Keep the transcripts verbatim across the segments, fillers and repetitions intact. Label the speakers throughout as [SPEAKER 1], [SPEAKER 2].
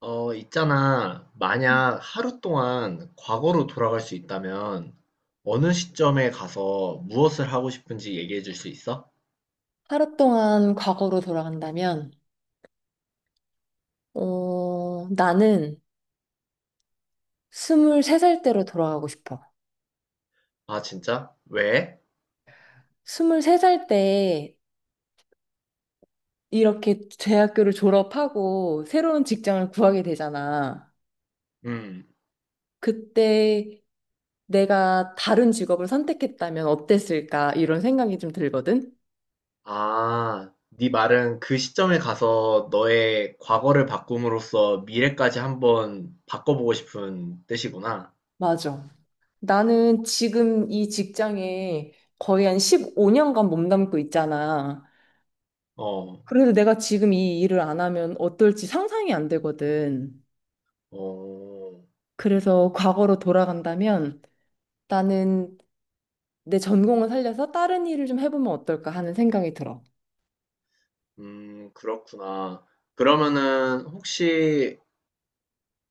[SPEAKER 1] 어, 있잖아. 만약 하루 동안 과거로 돌아갈 수 있다면 어느 시점에 가서 무엇을 하고 싶은지 얘기해 줄 수 있어?
[SPEAKER 2] 하루 동안 과거로 돌아간다면, 어, 나는 스물세 살 때로 돌아가고 싶어.
[SPEAKER 1] 아, 진짜? 왜?
[SPEAKER 2] 스물세 살 때 이렇게 대학교를 졸업하고 새로운 직장을 구하게 되잖아.
[SPEAKER 1] 음.
[SPEAKER 2] 그때 내가 다른 직업을 선택했다면 어땠을까? 이런 생각이 좀 들거든?
[SPEAKER 1] 아, 네 말은 그 시점에 가서 너의 과거를 바꿈으로써 미래까지 한번 바꿔보고 싶은 뜻이구나.
[SPEAKER 2] 맞아. 나는 지금 이 직장에 거의 한 십오 년간 몸담고 있잖아.
[SPEAKER 1] 어,
[SPEAKER 2] 그래서 내가 지금 이 일을 안 하면 어떨지 상상이 안 되거든.
[SPEAKER 1] 어,
[SPEAKER 2] 그래서 과거로 돌아간다면 나는 내 전공을 살려서 다른 일을 좀 해보면 어떨까 하는 생각이 들어.
[SPEAKER 1] 음, 그렇구나. 그러면은 혹시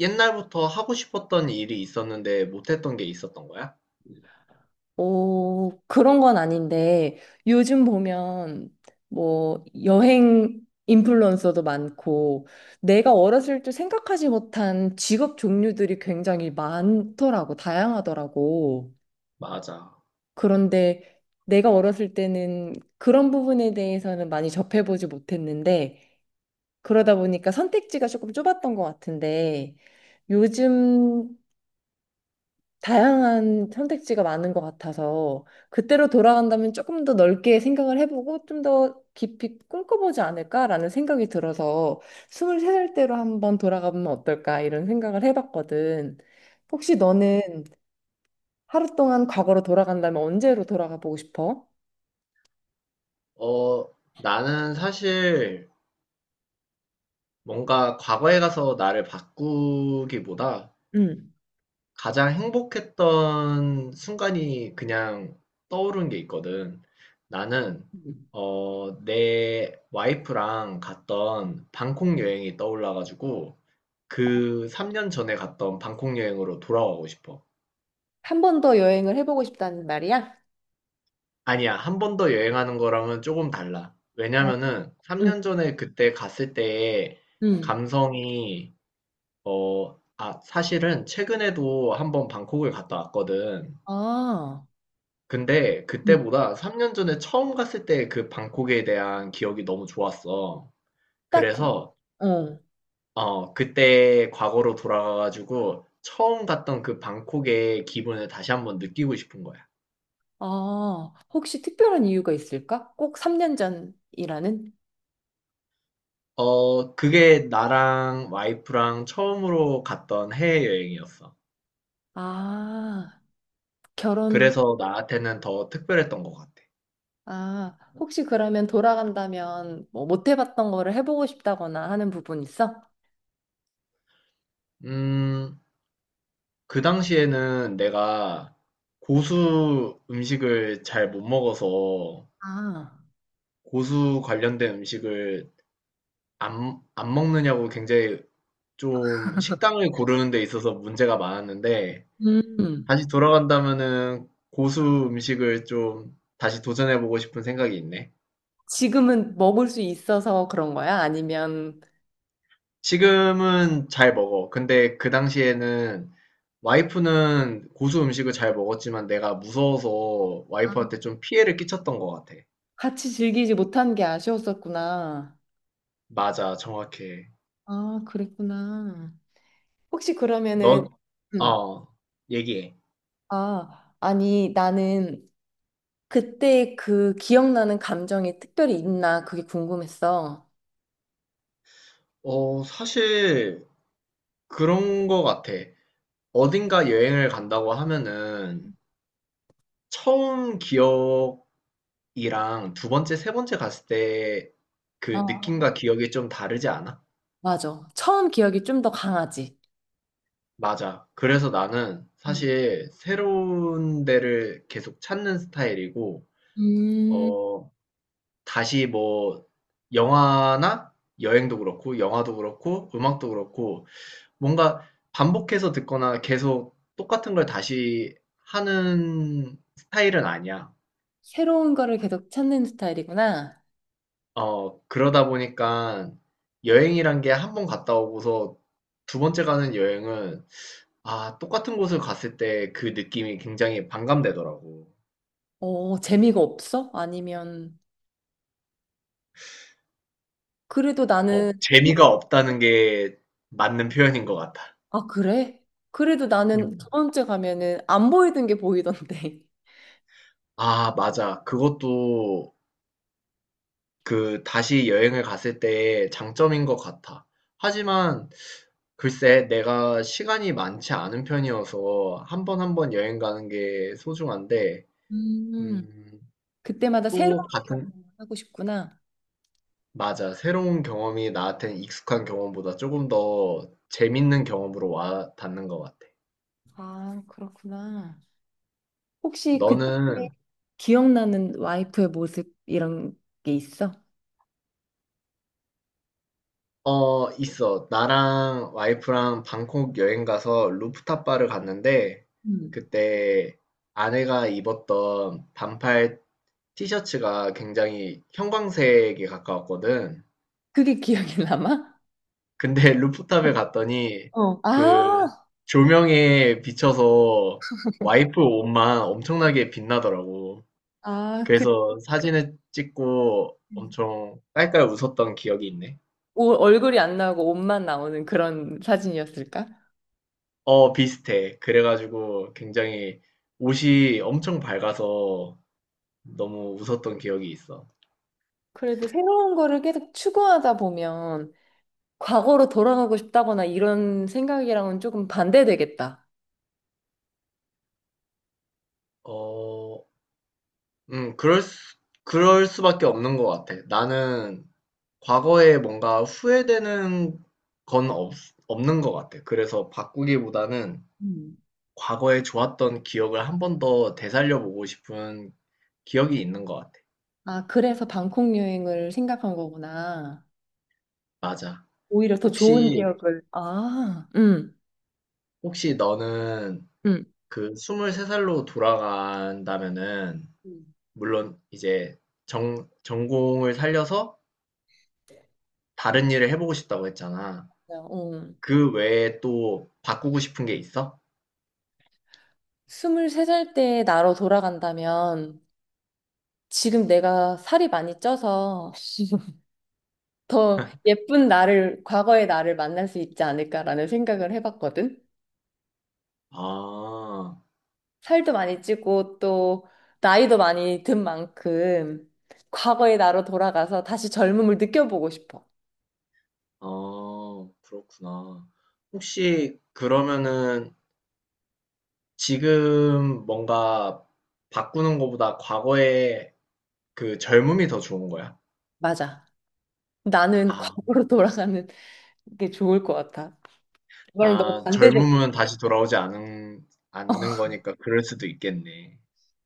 [SPEAKER 1] 옛날부터 하고 싶었던 일이 있었는데 못했던 게 있었던 거야?
[SPEAKER 2] 오, 그런 건 아닌데 요즘 보면 뭐 여행 인플루언서도 많고 내가 어렸을 때 생각하지 못한 직업 종류들이 굉장히 많더라고, 다양하더라고.
[SPEAKER 1] 맞아.
[SPEAKER 2] 그런데 내가 어렸을 때는 그런 부분에 대해서는 많이 접해보지 못했는데 그러다 보니까 선택지가 조금 좁았던 것 같은데 요즘 다양한 선택지가 많은 것 같아서 그때로 돌아간다면 조금 더 넓게 생각을 해보고 좀 더 깊이 꿈꿔보지 않을까라는 생각이 들어서 스물세 살 때로 한번 돌아가면 어떨까 이런 생각을 해봤거든. 혹시
[SPEAKER 1] 음.
[SPEAKER 2] 너는 하루 동안 과거로 돌아간다면 언제로 돌아가 보고 싶어?
[SPEAKER 1] 어, 나는 사실 뭔가 과거에 가서 나를 바꾸기보다
[SPEAKER 2] 응.
[SPEAKER 1] 가장 행복했던 순간이 그냥 떠오른 게 있거든. 나는,
[SPEAKER 2] 음.
[SPEAKER 1] 어, 내 와이프랑 갔던 방콕 여행이 떠올라가지고 그 삼 년 전에 갔던 방콕 여행으로 돌아가고 싶어.
[SPEAKER 2] 한 번 더 여행을 해보고 싶다는 말이야?
[SPEAKER 1] 아니야. 한 번 더 여행하는 거랑은 조금 달라.
[SPEAKER 2] 어,
[SPEAKER 1] 왜냐면은
[SPEAKER 2] 응,
[SPEAKER 1] 삼 년 전에 그때 갔을 때의
[SPEAKER 2] 응,
[SPEAKER 1] 감성이 어, 아, 사실은 최근에도 한번 방콕을 갔다 왔거든.
[SPEAKER 2] 아.
[SPEAKER 1] 근데 그때보다 삼 년 전에 처음 갔을 때 그 방콕에 대한 기억이 너무 좋았어.
[SPEAKER 2] 딱,
[SPEAKER 1] 그래서
[SPEAKER 2] 어.
[SPEAKER 1] 어, 그때 과거로 돌아가가지고 처음 갔던 그 방콕의 기분을 다시 한번 느끼고 싶은 거야.
[SPEAKER 2] 아, 혹시 특별한 이유가 있을까? 꼭 삼 년 전이라는?
[SPEAKER 1] 어, 그게 나랑 와이프랑 처음으로 갔던 해외여행이었어.
[SPEAKER 2] 아, 결혼,
[SPEAKER 1] 그래서 나한테는 더 특별했던 것 같아.
[SPEAKER 2] 아, 혹시 그러면 돌아간다면 뭐 못 해봤던 거를 해보고 싶다거나 하는 부분 있어?
[SPEAKER 1] 음, 그 당시에는 내가 고수 음식을 잘 못 먹어서
[SPEAKER 2] 아,
[SPEAKER 1] 고수 관련된 음식을 안, 안 먹느냐고 굉장히 좀 식당을 고르는 데 있어서 문제가 많았는데
[SPEAKER 2] 음,
[SPEAKER 1] 다시 돌아간다면은 고수 음식을 좀 다시 도전해보고 싶은 생각이 있네.
[SPEAKER 2] 지금은 먹을 수 있어서 그런 거야? 아니면
[SPEAKER 1] 지금은 잘 먹어. 근데 그 당시에는 와이프는 고수 음식을 잘 먹었지만 내가 무서워서
[SPEAKER 2] 아,
[SPEAKER 1] 와이프한테 좀 피해를 끼쳤던 것 같아.
[SPEAKER 2] 같이 즐기지 못한 게 아쉬웠었구나.
[SPEAKER 1] 맞아, 정확해.
[SPEAKER 2] 아, 그랬구나. 혹시
[SPEAKER 1] 넌,
[SPEAKER 2] 그러면은, 음,
[SPEAKER 1] 어, 얘기해.
[SPEAKER 2] 아, 아니, 나는 그때 그 기억나는 감정이 특별히 있나 그게 궁금했어.
[SPEAKER 1] 어, 사실 그런 것 같아. 어딘가 여행을 간다고 하면은 처음 기억이랑 두 번째, 세 번째 갔을 때 그
[SPEAKER 2] 아,
[SPEAKER 1] 느낌과 기억이 좀 다르지 않아?
[SPEAKER 2] 맞아. 처음 기억이 좀 더 강하지.
[SPEAKER 1] 맞아. 그래서 나는
[SPEAKER 2] 음.
[SPEAKER 1] 사실 새로운 데를 계속 찾는 스타일이고,
[SPEAKER 2] 음,
[SPEAKER 1] 어, 다시 뭐, 영화나 여행도 그렇고, 영화도 그렇고, 음악도 그렇고, 뭔가 반복해서 듣거나 계속 똑같은 걸 다시 하는 스타일은 아니야.
[SPEAKER 2] 새로운 거를 계속 찾는 스타일이구나.
[SPEAKER 1] 어, 그러다 보니까 여행이란 게 한 번 갔다 오고서 두 번째 가는 여행은, 아, 똑같은 곳을 갔을 때 그 느낌이 굉장히 반감되더라고.
[SPEAKER 2] 어, 재미가 없어? 아니면, 그래도
[SPEAKER 1] 어,
[SPEAKER 2] 나는,
[SPEAKER 1] 재미가 없다는 게 맞는 표현인 것 같아.
[SPEAKER 2] 아, 그래? 그래도 나는
[SPEAKER 1] 음.
[SPEAKER 2] 저번 주에 가면은 안 보이던 게 보이던데.
[SPEAKER 1] 아, 맞아. 그것도 그 다시 여행을 갔을 때의 장점인 것 같아. 하지만 글쎄, 내가 시간이 많지 않은 편이어서 한번 한번 여행 가는 게 소중한데,
[SPEAKER 2] 음,
[SPEAKER 1] 음,
[SPEAKER 2] 그때마다 새로운
[SPEAKER 1] 또 같은,
[SPEAKER 2] 경험을 하고 싶구나.
[SPEAKER 1] 맞아. 새로운 경험이 나한테는 익숙한 경험보다 조금 더 재밌는 경험으로 와 닿는 것 같아.
[SPEAKER 2] 아, 그렇구나. 혹시 그때
[SPEAKER 1] 너는
[SPEAKER 2] 기억나는 와이프의 모습 이런 게 있어?
[SPEAKER 1] 어, 있어. 나랑 와이프랑 방콕 여행 가서 루프탑 바를 갔는데,
[SPEAKER 2] 음.
[SPEAKER 1] 그때 아내가 입었던 반팔 티셔츠가 굉장히 형광색에 가까웠거든.
[SPEAKER 2] 그게 기억이 남아?
[SPEAKER 1] 근데
[SPEAKER 2] 어.
[SPEAKER 1] 루프탑에 갔더니
[SPEAKER 2] 어.
[SPEAKER 1] 그
[SPEAKER 2] 아,
[SPEAKER 1] 조명에 비춰서 와이프 옷만 엄청나게 빛나더라고.
[SPEAKER 2] 아, 그
[SPEAKER 1] 그래서 사진을 찍고
[SPEAKER 2] 음.
[SPEAKER 1] 엄청 깔깔 웃었던 기억이 있네.
[SPEAKER 2] 오- 얼굴이 안 나오고 옷만 나오는 그런 사진이었을까?
[SPEAKER 1] 어, 비슷해. 그래가지고 굉장히 옷이 엄청 밝아서 너무 웃었던 기억이 있어.
[SPEAKER 2] 그래도 새로운 거를 계속 추구하다 보면 과거로 돌아가고 싶다거나 이런 생각이랑은 조금 반대되겠다.
[SPEAKER 1] 어, 음, 그럴 수, 그럴 수밖에 없는 것 같아. 나는 과거에 뭔가 후회되는 건 없, 없는 것 같아. 그래서 바꾸기보다는
[SPEAKER 2] 음.
[SPEAKER 1] 과거에 좋았던 기억을 한 번 더 되살려보고 싶은 기억이 있는 것 같아.
[SPEAKER 2] 아, 그래서 방콕 여행을 생각한 거구나.
[SPEAKER 1] 맞아.
[SPEAKER 2] 오히려 더 좋은
[SPEAKER 1] 혹시,
[SPEAKER 2] 기억을. 아, 응,
[SPEAKER 1] 혹시 너는
[SPEAKER 2] 응.
[SPEAKER 1] 그 스물세 살로 돌아간다면은
[SPEAKER 2] 음. 음.
[SPEAKER 1] 물론 이제 정, 전공을 살려서 다른 일을 해보고 싶다고 했잖아.
[SPEAKER 2] 음. 어.
[SPEAKER 1] 그 외에 또 바꾸고 싶은 게 있어?
[SPEAKER 2] 스물세 살 때 나로 돌아간다면 지금 내가 살이 많이 쪄서 더 예쁜 나를, 과거의 나를 만날 수 있지 않을까라는 생각을 해봤거든.
[SPEAKER 1] 아,
[SPEAKER 2] 살도 많이 찌고 또 나이도 많이 든 만큼 과거의 나로 돌아가서 다시 젊음을 느껴보고 싶어.
[SPEAKER 1] 아, 그렇구나. 혹시 그러면은 지금 뭔가 바꾸는 것보다 과거에 그 젊음이 더 좋은 거야?
[SPEAKER 2] 맞아. 나는
[SPEAKER 1] 아,
[SPEAKER 2] 과거로 돌아가는 게 좋을 것 같아. 그거랑 너무
[SPEAKER 1] 아,
[SPEAKER 2] 반대되는
[SPEAKER 1] 젊음은 다시 돌아오지 않은, 않는 거니까 그럴 수도 있겠네.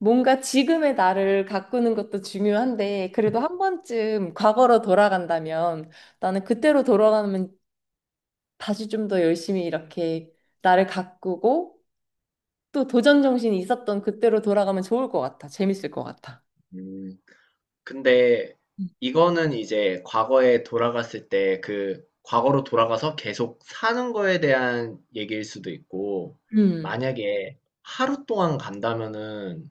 [SPEAKER 2] 뭔가 지금의 나를 가꾸는 것도 중요한데, 그래도 한 번쯤 과거로 돌아간다면, 나는 그때로 돌아가면 다시 좀 더 열심히 이렇게 나를 가꾸고, 또 도전 정신이 있었던 그때로 돌아가면 좋을 것 같아. 재밌을 것 같아.
[SPEAKER 1] 음. 근데 이거는 이제 과거에 돌아갔을 때 그 과거로 돌아가서 계속 사는 거에 대한 얘기일 수도 있고,
[SPEAKER 2] 음.
[SPEAKER 1] 만약에 하루 동안 간다면은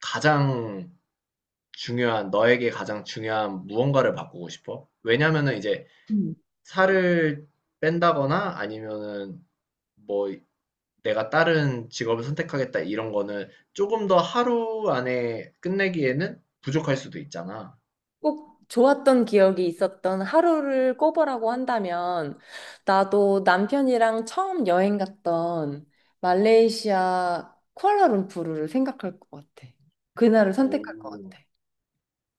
[SPEAKER 1] 가장 중요한, 너에게 가장 중요한 무언가를 바꾸고 싶어? 왜냐면은 이제
[SPEAKER 2] 음.
[SPEAKER 1] 살을 뺀다거나 아니면은 뭐 내가 다른 직업을 선택하겠다 이런 거는 조금 더 하루 안에 끝내기에는 부족할 수도 있잖아.
[SPEAKER 2] 꼭 좋았던 기억이 있었던 하루를 꼽으라고 한다면, 나도 남편이랑 처음 여행 갔던 말레이시아 쿠알라룸푸르를 생각할 것 같아. 그날을 선택할 것
[SPEAKER 1] 오.
[SPEAKER 2] 같아.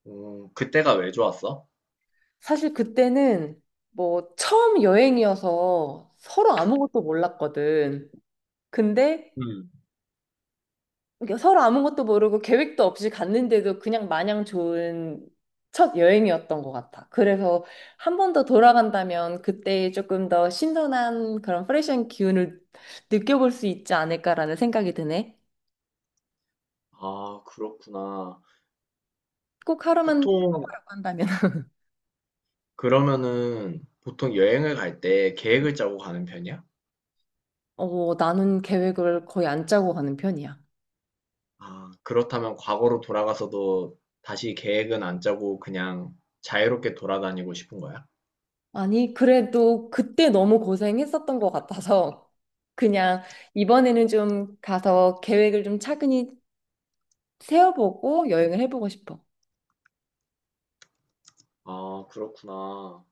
[SPEAKER 1] 어, 그때가 왜 좋았어?
[SPEAKER 2] 사실 그때는 뭐 처음 여행이어서 서로 아무것도 몰랐거든. 근데
[SPEAKER 1] 음.
[SPEAKER 2] 그러니까 서로 아무것도 모르고 계획도 없이 갔는데도 그냥 마냥 좋은 첫 여행이었던 것 같아. 그래서 한 번 더 돌아간다면 그때 조금 더 신선한 그런 프레시한 기운을 느껴볼 수 있지 않을까라는 생각이 드네.
[SPEAKER 1] 아, 그렇구나.
[SPEAKER 2] 꼭 하루만
[SPEAKER 1] 보통,
[SPEAKER 2] 뽑으라고 한다면.
[SPEAKER 1] 그러면은, 보통 여행을 갈 때 계획을 짜고 가는 편이야?
[SPEAKER 2] 어, 나는 계획을 거의 안 짜고 가는 편이야.
[SPEAKER 1] 아, 그렇다면 과거로 돌아가서도 다시 계획은 안 짜고 그냥 자유롭게 돌아다니고 싶은 거야?
[SPEAKER 2] 아니, 그래도 그때 너무 고생했었던 것 같아서 그냥 이번에는 좀 가서 계획을 좀 차근히 세워보고 여행을 해보고 싶어.
[SPEAKER 1] 아, 그렇구나.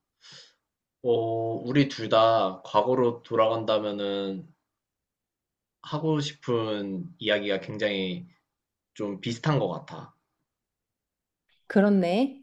[SPEAKER 1] 어, 우리 둘 다 과거로 돌아간다면은 하고 싶은 이야기가 굉장히 좀 비슷한 것 같아.
[SPEAKER 2] 그렇네.